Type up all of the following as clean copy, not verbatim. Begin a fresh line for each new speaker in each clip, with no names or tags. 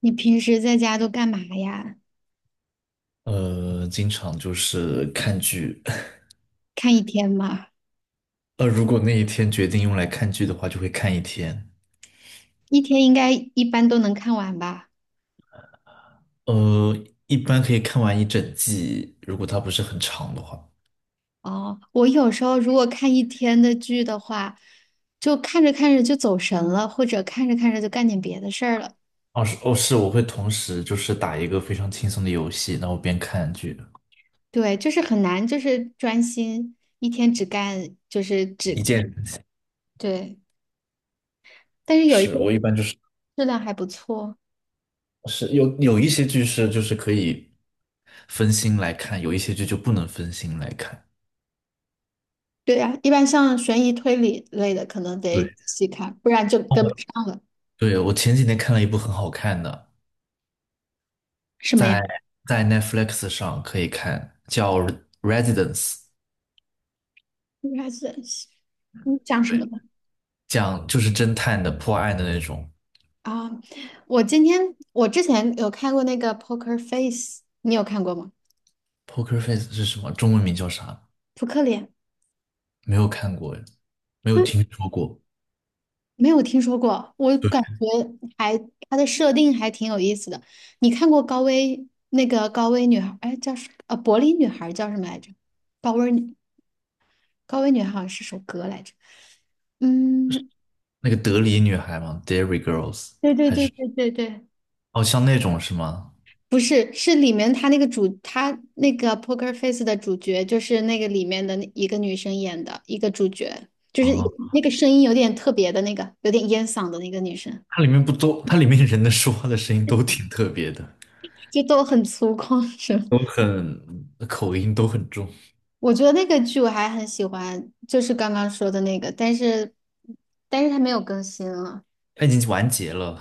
你平时在家都干嘛呀？
经常就是看剧。
看一天吗？
如果那一天决定用来看剧的话，就会看一天。
一天应该一般都能看完吧？
呃，一般可以看完一整季，如果它不是很长的话。
哦，我有时候如果看一天的剧的话，就看着看着就走神了，或者看着看着就干点别的事儿了。
哦，是哦，是，我会同时就是打一个非常轻松的游戏，然后边看剧，
对，就是很难，就是专心一天只干，就是
一
只，
键嗯。
对。但是有一些
是我一般就是
质量还不错。
是有一些剧是就是可以分心来看，有一些剧就不能分心来看。
对呀，一般像悬疑推理类的，可能得仔
对，
细看，不然就跟不
哦，
上了。
对，我前几天看了一部很好看的，
什么呀？
在 在 Netflix 上可以看，叫《Residence》,
应该是你讲什
对，
么的？
讲就是侦探的破案的那种。
啊，我今天我之前有看过那个 Poker Face，你有看过吗？
Poker Face 是什么？中文名叫啥？
扑克脸？
没有看过，没有
嗯，
听说过。
没有听说过，我
对，
感觉还它的设定还挺有意思的。你看过高危那个高危女孩？哎，叫什柏林女孩叫什么来着？高危女高危女孩好像是首歌来着。嗯，
那个德里女孩吗 d a i r y Girls
对对
还
对
是
对对对，
哦，像那种是吗？
不是，是里面他那个主，他那个《Poker Face》的主角，就是那个里面的那一个女生演的一个主角，就是
啊，
那个声音有点特别的那个，有点烟嗓的那个女生，
它里面不都，它里面人的说话的声音都挺特别的，
就都很粗犷是吧？
都很口音都很重。
我觉得那个剧我还很喜欢，就是刚刚说的那个，但是但是它没有更新了，
它已经完结了，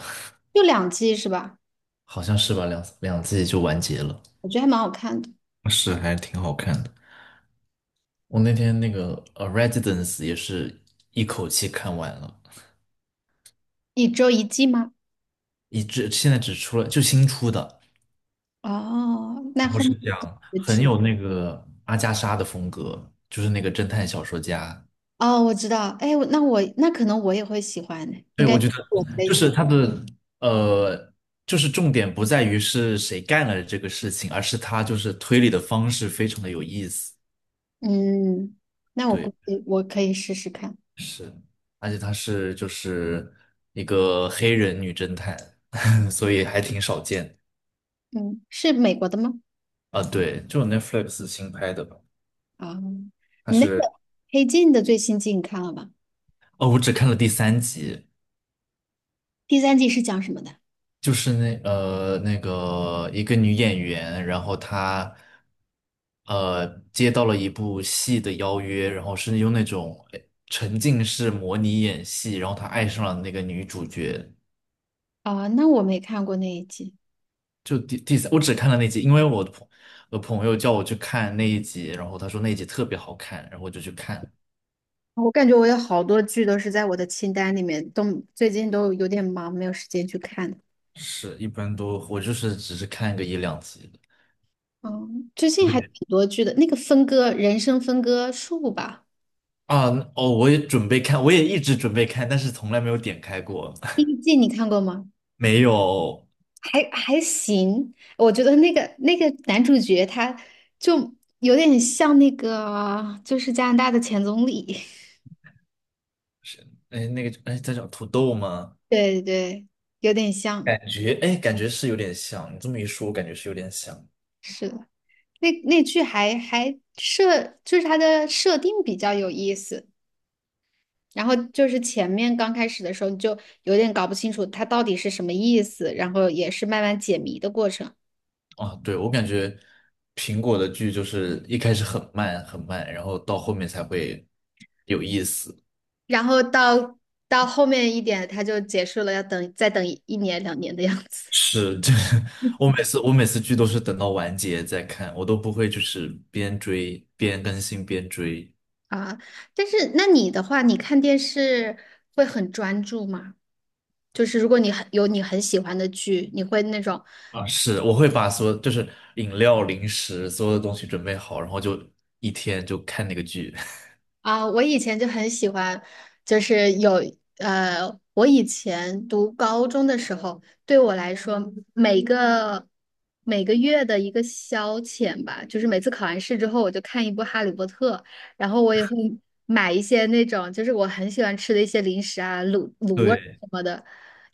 就两季是吧？
好像是吧？两季就完结了，
我觉得还蛮好看的，
是还挺好看的。我那天那个《Residence》也是一口气看完了，
一周一季吗？
一直现在只出了就新出的，
哦，那
然后
后面
是讲
就不
很
出？
有那个阿加莎的风格，就是那个侦探小说家。
哦，我知道，哎，我那我那可能我也会喜欢的，应
对，
该
我
是
觉得
我的类
就是
型。
他的呃，就是重点不在于是谁干了这个事情，而是他就是推理的方式非常的有意思。
嗯，那我
对，
估计我可以试试看。
是，而且他是就是一个黑人女侦探，所以还挺少见
嗯，是美国的吗？
啊，对，就是 Netflix 新拍的吧？
啊、
它
你那个
是
《黑镜》的最新季你看了吗？
哦，我只看了第三集，
第三季是讲什么的？
就是那那个一个女演员，然后她呃接到了一部戏的邀约，然后是用那种哎沉浸式模拟演戏，然后她爱上了那个女主角。
啊、那我没看过那一季。
就第三，我只看了那集，因为我的朋友叫我去看那一集，然后他说那一集特别好看，然后我就去看。
我感觉我有好多剧都是在我的清单里面，都最近都有点忙，没有时间去看。
是，一般都我就是只是看个一两集。
嗯，最近还挺多剧的，那个分割人生分割术吧，
啊，哦，我也准备看，我也一直准备看，但是从来没有点开过，
第 一季你看过吗？
没有，
还还行，我觉得那个那个男主角他就有点像那个，就是加拿大的前总理，
是，哎，那个，哎，在叫土豆吗？
对对，有点像，
感觉，哎，感觉是有点像，你这么一说，我感觉是有点像。
是的，那那剧还还设，就是它的设定比较有意思，然后就是前面刚开始的时候你就有点搞不清楚它到底是什么意思，然后也是慢慢解谜的过程，
啊，对，我感觉苹果的剧就是一开始很慢很慢，然后到后面才会有意思。
然后到到后面一点，它就结束了，要等再等一一年两年的样子。
是，这 我每次剧都是等到完结再看，我都不会就是边追边更新边追。
啊，但是那你的话，你看电视会很专注吗？就是如果你很有你很喜欢的剧，你会那种
啊，是，我会把所有就是饮料、零食所有的东西准备好，然后就一天就看那个剧。
啊，我以前就很喜欢，就是有呃，我以前读高中的时候，对我来说，每个每个月的一个消遣吧，就是每次考完试之后，我就看一部《哈利波特》，然后我也会买一些那种就是我很喜欢吃的一些零食啊，卤卤味儿
对，
什么的，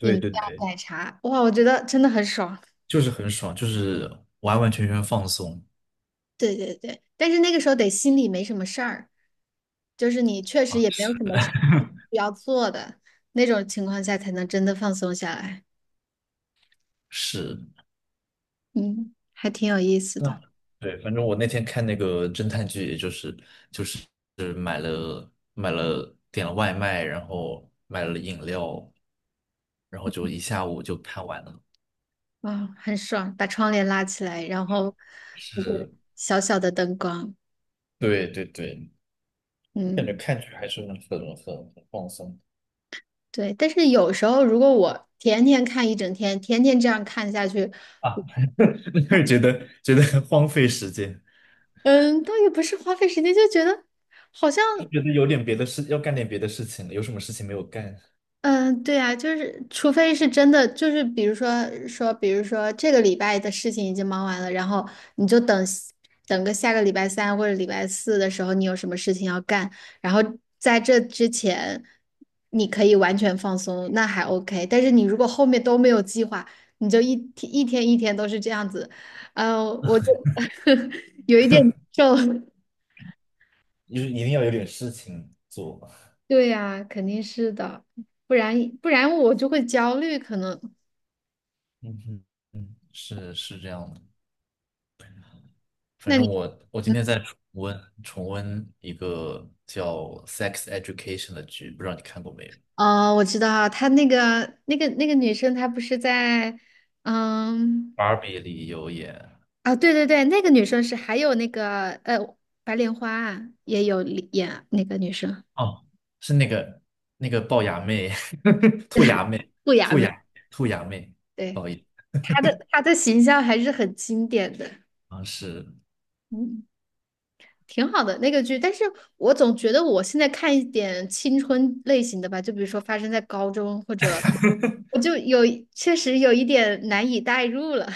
饮料、
对对，
奶茶，哇，我觉得真的很爽。
就是很爽，就是完完全全放松
对对对，但是那个时候得心里没什么事儿。就是你确实
啊。
也没有什么事情需要做的那种情况下，才能真的放松下来。
是，
嗯，还挺有意思的，
那对，反正我那天看那个侦探剧，也就是就是是买了点了外卖，然后买了饮料，然后就一下午就看完了。
啊、很爽，把窗帘拉起来，然后那个
是，
小小的灯光，
对对对，我感
嗯，
觉看剧还是很放松。
对。但是有时候如果我天天看一整天，天天这样看下去，
啊，会觉得荒废时间，
嗯，倒也不是花费时间，就觉得好像。
就觉得有点别的事，要干点别的事情了。有什么事情没有干，
嗯，对呀，就是除非是真的，就是比如说说，比如说这个礼拜的事情已经忙完了，然后你就等等个下个礼拜三或者礼拜四的时候，你有什么事情要干，然后在这之前你可以完全放松，那还 OK。但是你如果后面都没有计划，你就一天一天一天都是这样子，嗯，我就 有一点难受。
就是一定要有点事情做吧。
对呀，肯定是的，不然不然我就会焦虑，可能。
嗯哼，是是这样的。反
那
正
你？
我今天在重温一个叫《Sex Education》的剧，不知道你看过没有
哦，我知道，她那个那个那个女生，她不是在，嗯，
？Barbie 里有演，
啊，对对对，那个女生是还有那个白莲花啊也有里演那个女生
哦，是那个那个龅牙妹，兔牙妹，
不雅
兔
美，
牙兔牙妹，不
对，
好意思，
她的她的形象还是很经典的，
啊是。
嗯，挺好的那个剧，但是我总觉得我现在看一点青春类型的吧，就比如说发生在高中或者，我就有确实有一点难以代入了，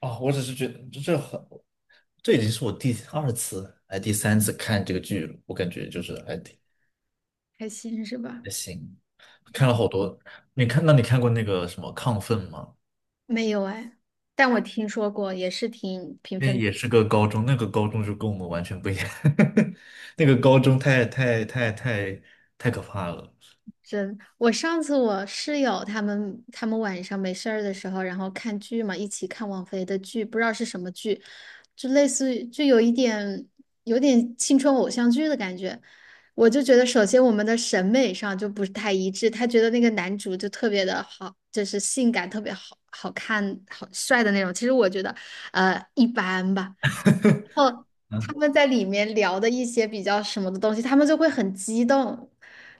哦，我只是觉得这很，这已经是我第二次哎第三次看这个剧了，我感觉就是还挺
开心是吧？
还行，看了好多。你看，那你看过那个什么《亢奋》吗？
没有哎，但我听说过，也是挺评
那
分
也是个高中，那个高中就跟我们完全不一样，那个高中太可怕了。
真。我上次我室友他们他们晚上没事儿的时候，然后看剧嘛，一起看王菲的剧，不知道是什么剧，就类似于就有一点有点青春偶像剧的感觉。我就觉得，首先我们的审美上就不是太一致，他觉得那个男主就特别的好，就是性感，特别好好看、好帅的那种。其实我觉得，一般吧。后他
嗯
们在里面聊的一些比较什么的东西，他们就会很激动，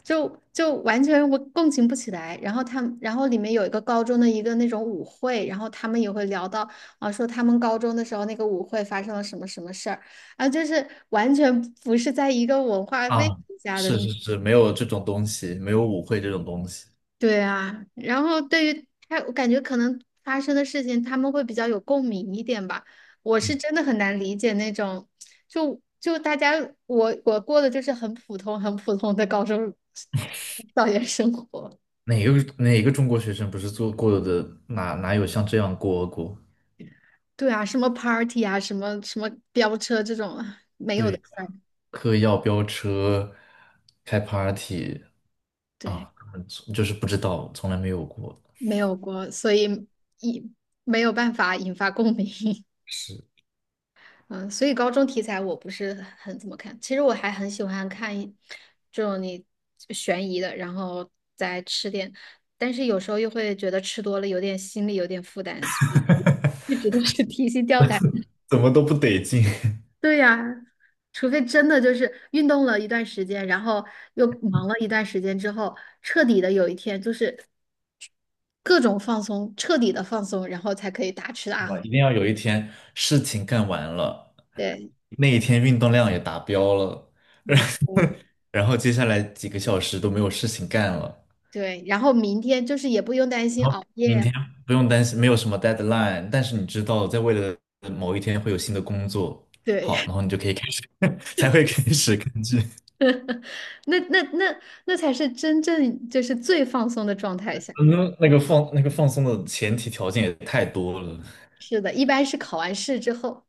就就完全我共情不起来。然后他们，然后里面有一个高中的一个那种舞会，然后他们也会聊到啊，说他们高中的时候那个舞会发生了什么什么事儿，啊，就是完全不是在一个文化背景
啊，
下的
是是是，没有这种东西，没有舞会这种东西。
对啊，然后对于他，我感觉可能发生的事情，他们会比较有共鸣一点吧。我是真的很难理解那种，就就大家，我我过的就是很普通、很普通的高中校园生活。
哪个哪个中国学生不是做过的？哪有像这样过过？
对啊，什么 party 啊，什么什么飙车这种没有的
对。
事儿，
嗑药飙车、开 party
对，
啊，就是不知道，从来没有过，
没有过，所以一没有办法引发共鸣。
是
嗯，所以高中题材我不是很很怎么看。其实我还很喜欢看一这种你悬疑的，然后再吃点，但是有时候又会觉得吃多了有点心里有点负担，所以一直都是提心吊胆。
怎么都不得劲，
对呀，除非真的就是运动了一段时间，然后又忙了一段时间之后，彻底的有一天就是各种放松，彻底的放松，然后才可以大吃 大
是吧？
喝。
一定要有一天事情干完了，
对，
那一天运动量也达标了，
没错。
然后接下来几个小时都没有事情干了，
对，然后明天就是也不用担心
然后
熬
明
夜。
天不用担心没有什么 deadline,但是你知道在未来的某一天会有新的工作，好，
对。
然后你就可以开始，才会开始根据。
那那那那才是真正就是最放松的状态下。
嗯，那个放那个放松的前提条件也太多了，
是的，一般是考完试之后，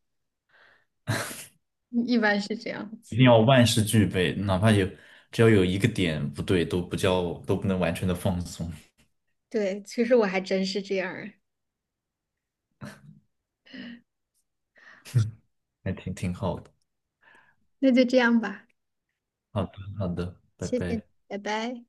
一般是这样子。
一定要万事俱备，哪怕有只要有一个点不对，都不叫都不能完全的放松，
对，其实我还真是这样儿。
还挺挺好的。
那就这样吧，
好的，好的，拜
谢谢你，
拜。
拜拜。